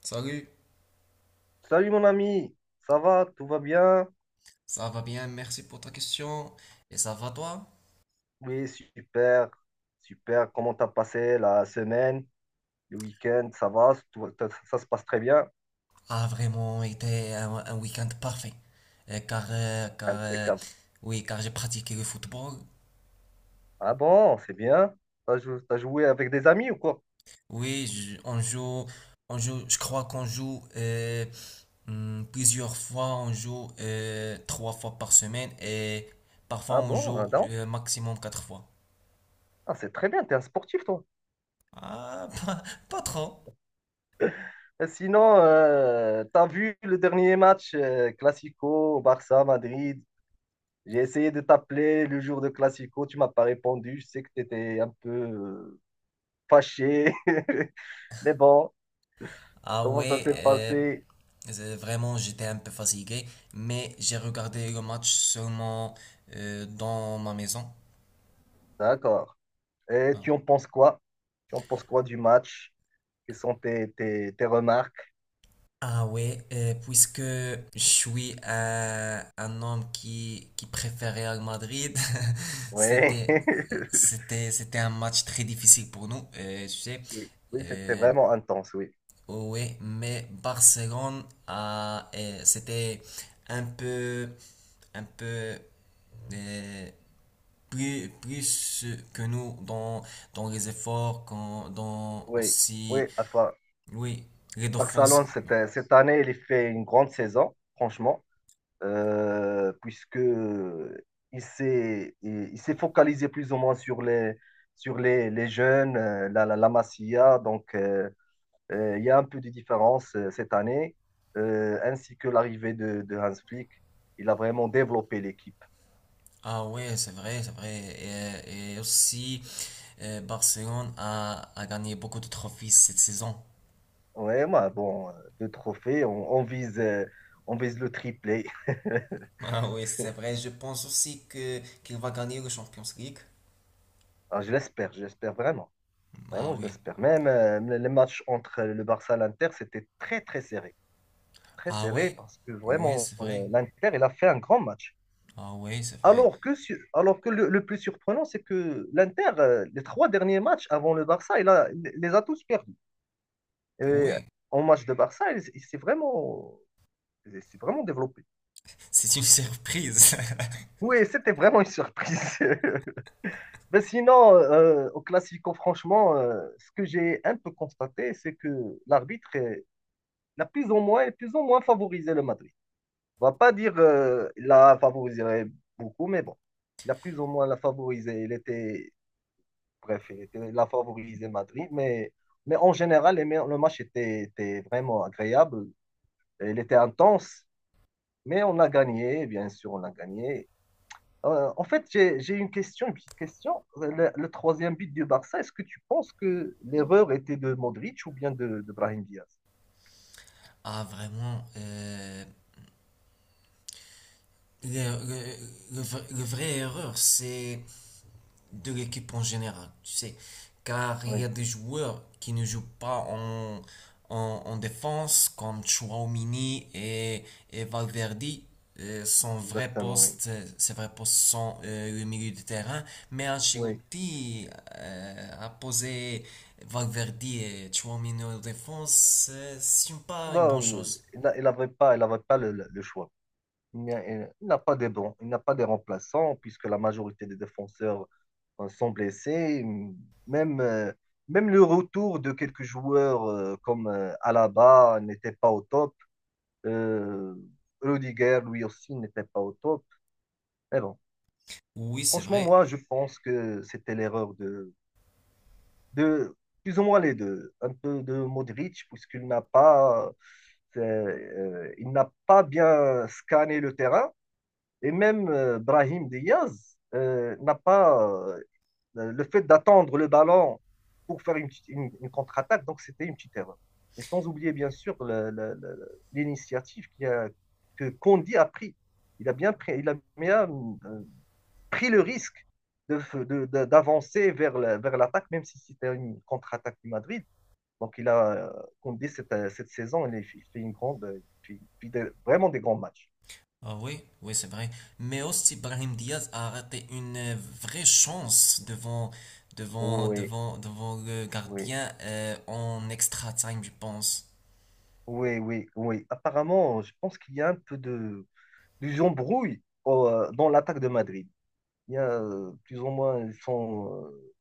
Salut, Salut mon ami, ça va, tout va bien? ça va bien, merci pour ta question. Et ça va toi? Oui, super, super. Comment t'as passé la semaine, le week-end? Ça va, ça se passe très bien, A vraiment été un week-end parfait. Euh, car, euh, car, euh, impeccable. oui, car j'ai pratiqué le football. Ah bon, c'est bien. T'as joué avec des amis ou quoi? Oui, je crois qu'on joue plusieurs fois. On joue trois fois par semaine et parfois Ah on bon, joue ah non. Maximum quatre fois. Ah, c'est très bien, t'es un sportif toi. Ah, pas trop. Et sinon, t'as vu le dernier match Classico, Barça, Madrid? J'ai essayé de t'appeler le jour de Classico, tu m'as pas répondu. Je sais que t'étais un peu fâché, mais bon. Ah Comment ça ouais, s'est euh, passé? Vraiment j'étais un peu fatigué, mais j'ai regardé le match seulement dans ma maison. D'accord. Et Ah. tu en penses quoi? Tu en penses quoi du match? Quelles sont tes remarques? Ouais, puisque je suis un homme qui préfère Real Madrid, Oui. c'était, c'était un match très difficile pour nous, tu sais. Oui, oui, c'était Euh, vraiment intense, oui. oh ouais, mais Barcelone a, c'était un peu, un peu, euh, plus que nous dans les efforts, quand dans Oui, aussi, oui. Enfin, oui, les dauphins. Barcelone, cette année, il fait une grande saison, franchement, puisque il s'est focalisé plus ou moins sur les jeunes, la Masia, donc. Euh, Il y a un peu de différence cette année, ainsi que l'arrivée de Hans Flick. Il a vraiment développé l'équipe. Ah ouais, c'est vrai, c'est vrai. Et aussi, Barcelone a gagné beaucoup de trophées cette saison. Ouais, moi, bon, deux trophées, on vise le triplé. Ah oui, c'est vrai, je pense aussi que qu'il va gagner le Champions League. Ah, je l'espère vraiment. Ah Vraiment, je oui. l'espère. Même les matchs entre le Barça et l'Inter, c'était très, très serré. Très Ah serré ouais. parce que Oui, vraiment, c'est vrai. l'Inter, il a fait un grand match. Ah oui, c'est vrai. Alors que, alors que le plus surprenant, c'est que l'Inter, les trois derniers matchs avant le Barça, il les a tous perdus. Et Oui, en match de Barça, il s'est vraiment développé. c'est une surprise. Oui, c'était vraiment une surprise. Mais sinon, au Classico, franchement, ce que j'ai un peu constaté, c'est que l'arbitre est- il a plus ou moins favorisé le Madrid. On va pas dire il l'a favorisé beaucoup, mais bon, il a plus ou moins la favorisé. Bref, il a favorisé Madrid, mais en général, le match était vraiment agréable. Il était intense. Mais on a gagné, bien sûr, on a gagné. En fait, j'ai une question, une petite question. Le troisième but du Barça, est-ce que tu penses que l'erreur était de Modric ou bien de Brahim Diaz? Ah vraiment, Le, le, le vrai erreur, c'est de l'équipe en général, tu sais. Car il y Oui, a des joueurs qui ne jouent pas en, en défense, comme Chouamini et Valverde. Son vrai exactement, oui. poste, ses vrais postes sont le milieu de terrain. Mais Oui. Ancelotti a posé Valverde et Chouamini en défense. C'est pas une Bah, bonne chose. il avait pas le choix. Il n'y a- il n'a pas des bons, il n'a pas des remplaçants, puisque la majorité des défenseurs sont blessés. Même, euh, même le retour de quelques joueurs comme Alaba n'était pas au top. Euh, Rudiger, lui aussi, n'était pas au top. Mais bon, Oui, c'est franchement, vrai. moi, je pense que c'était l'erreur de plus ou moins les deux. Un peu de Modric, puisqu'il n'a pas bien scanné le terrain. Et même Brahim Diaz n'a pas Le fait d'attendre le ballon pour faire une contre-attaque, donc c'était une petite erreur. Et sans oublier, bien sûr, l'initiative que kondi a pris. Il a bien pris, il a bien, euh, pris le risque de de d'avancer vers l'attaque, même si c'était une contre-attaque du Madrid. Donc, kondi cette saison, fait une grande, euh, il fait vraiment des grands matchs. Ah oui, oui, c'est vrai. Mais aussi, Brahim Diaz a raté une vraie chance Oui, devant le oui, gardien en extra time, je pense. oui, oui, oui. Apparemment, je pense qu'il y a un peu des embrouilles dans l'attaque de Madrid. Il y a plus ou moins, ils sont,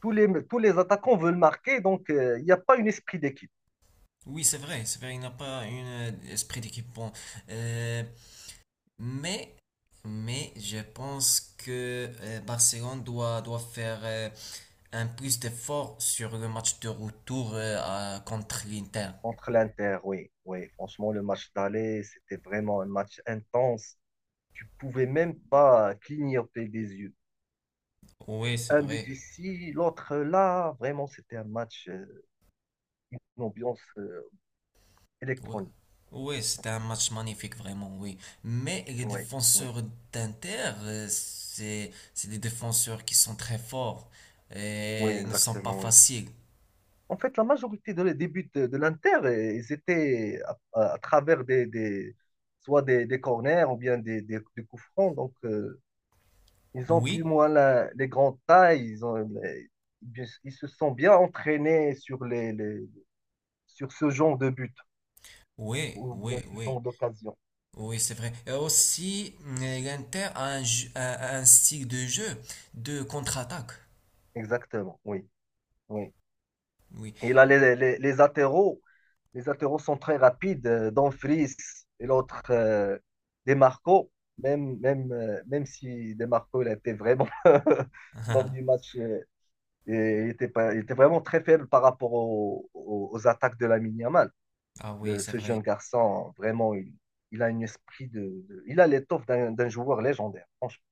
tous les attaquants veulent marquer, donc il n'y a pas un esprit d'équipe Oui, c'est vrai, il n'a pas un esprit d'équipe bon. Euh, mais, mais je pense que Barcelone doit faire un plus d'effort sur le match de retour contre l'Inter. entre l'Inter. Oui, oui, franchement, le match d'aller, c'était vraiment un match intense. Tu ne pouvais même pas clignoter des yeux. Oui, c'est Un but vrai. ici, l'autre là, vraiment, c'était un match, une ambiance Ouais. électronique. Ouais, c'était un match magnifique, vraiment, oui. Mais les Oui, oui, défenseurs d'Inter, c'est des défenseurs qui sont très forts oui, et ne sont pas exactement, oui. faciles. En fait, la majorité de les buts de l'Inter, ils étaient à, à travers des, soit des corners ou bien des coups francs. Donc, ils ont plus ou Oui, moins les grandes tailles. Ils se sont bien entraînés sur sur ce genre de but oui, ou bien oui, ce oui. genre d'occasion. Oui, c'est vrai. Et aussi, l'Inter a un style de jeu de contre-attaque. Exactement, oui, oui. Oui. Il a les latéraux. Les latéraux sont très rapides. Dumfries et l'autre, Demarco. Même si Demarco, il a été vraiment, lors du match, et il était, pas, il était vraiment très faible par rapport aux attaques de Lamine Yamal. Ah oui, c'est Ce vrai. jeune garçon, vraiment, il a un esprit Il a l'étoffe d'un joueur légendaire. Franchement,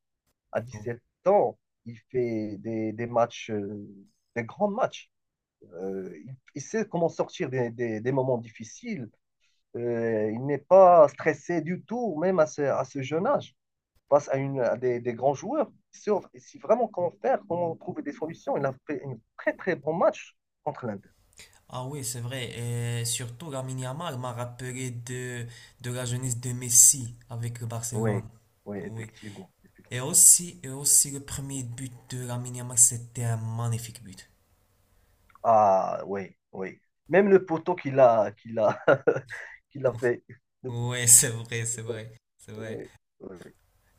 à 17 ans, il fait des grands matchs. Euh, il sait comment sortir des moments difficiles. Il n'est pas stressé du tout, même à ce jeune âge, face à des grands joueurs. Si vraiment comment faire, comment trouver des solutions, il a fait un très très bon match contre l'Inde. Ah oui, c'est vrai. Et surtout, Lamine Yamal m'a rappelé de la jeunesse de Messi avec le Oui, Barcelone. oui, Oui. effectivement, effectivement. Et aussi le premier but de Lamine Yamal, c'était un magnifique but. Ah, oui, oui. Même le poteau qu'il a fait. Le Oui, c'est vrai, c'est poteau, vrai, c'est vrai. oui, oui.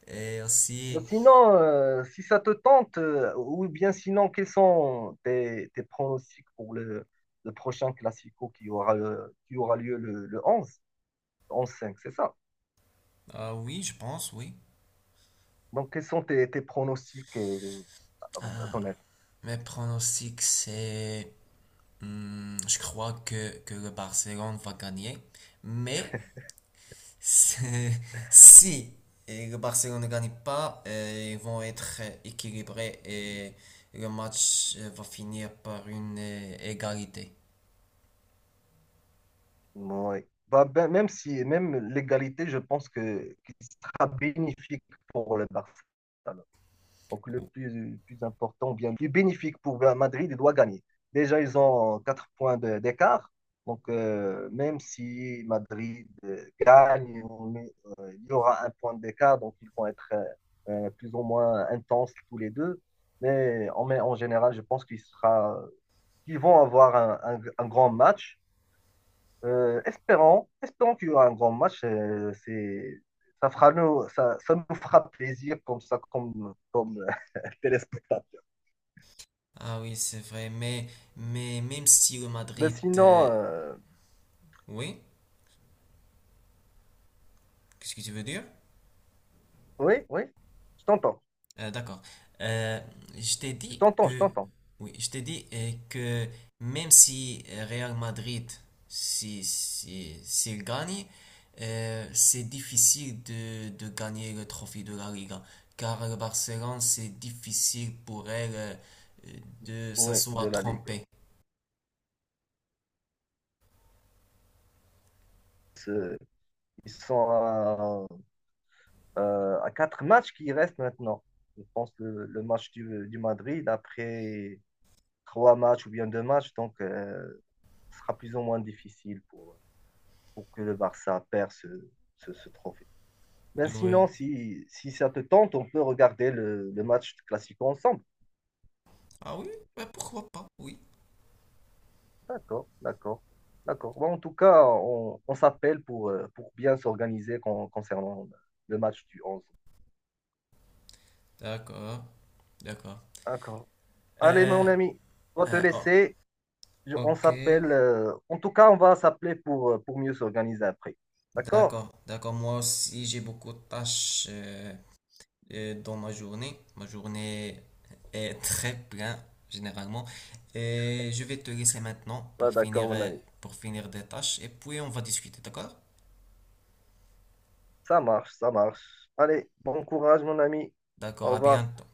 Et Ben aussi, sinon, si ça te tente, ou bien sinon, quels sont tes pronostics pour le prochain Classico qui aura lieu le 11, 11/5 c'est ça. ah oui, je pense, oui. Donc, quels sont tes pronostics à Ah, ton avis? mes pronostics, c'est... je crois que le Barcelone va gagner. Mais si le Barcelone ne gagne pas, ils vont être équilibrés et le match va finir par une égalité. Ouais. Bah, ben, même si, même l'égalité, je pense qu'il sera bénéfique pour le Barça. Donc le plus important, bien, plus bénéfique pour Madrid, il doit gagner. Déjà, ils ont 4 points d'écart. Donc, même si Madrid gagne, on il y aura un point d'écart. Donc, ils vont être plus ou moins intenses tous les deux. Mais en général, je pense qu'il sera, qu'ils vont avoir un grand match. Espérons qu'il y aura un grand match. Ça nous fera plaisir comme ça, comme, comme téléspectateurs. Ah oui, c'est vrai, mais même si le Ben Madrid... sinon, euh. Oui? Qu'est-ce que tu veux dire? oui, oui, je t'entends. D'accord. Euh, je t'ai Je dit t'entends, je que, t'entends. oui, je t'ai dit que même si Real Madrid, si, si, s'il gagne, c'est difficile de gagner le trophée de la Liga, car le Barcelone, c'est difficile pour elle euh, de Oui, de s'asseoir la Ligue. trompée. C'est- Ils sont à, à quatre matchs qui restent maintenant. Je pense le match du Madrid, après trois matchs ou bien deux matchs, donc ce sera plus ou moins difficile pour que le Barça perde ce trophée. Ben Oui. sinon, si ça te tente, on peut regarder le match classique ensemble. Ah oui, bah pourquoi pas, oui. D'accord, d'accord, d'accord. Bon, en tout cas, on s'appelle pour bien s'organiser concernant le match du 11. D'accord, d'accord. D'accord. Allez, Euh, mon ami, on va te oh, laisser. On ok. s'appelle. En tout cas, on va s'appeler pour mieux s'organiser après. D'accord? D'accord, d'accord. Moi aussi, j'ai beaucoup de tâches dans ma journée. Ma journée est très pleine, généralement. Et je vais te laisser maintenant Bah, d'accord, mon ami. pour finir des tâches. Et puis, on va discuter, d'accord? Ça marche, ça marche. Allez, bon courage, mon ami. D'accord, Au à revoir. bientôt.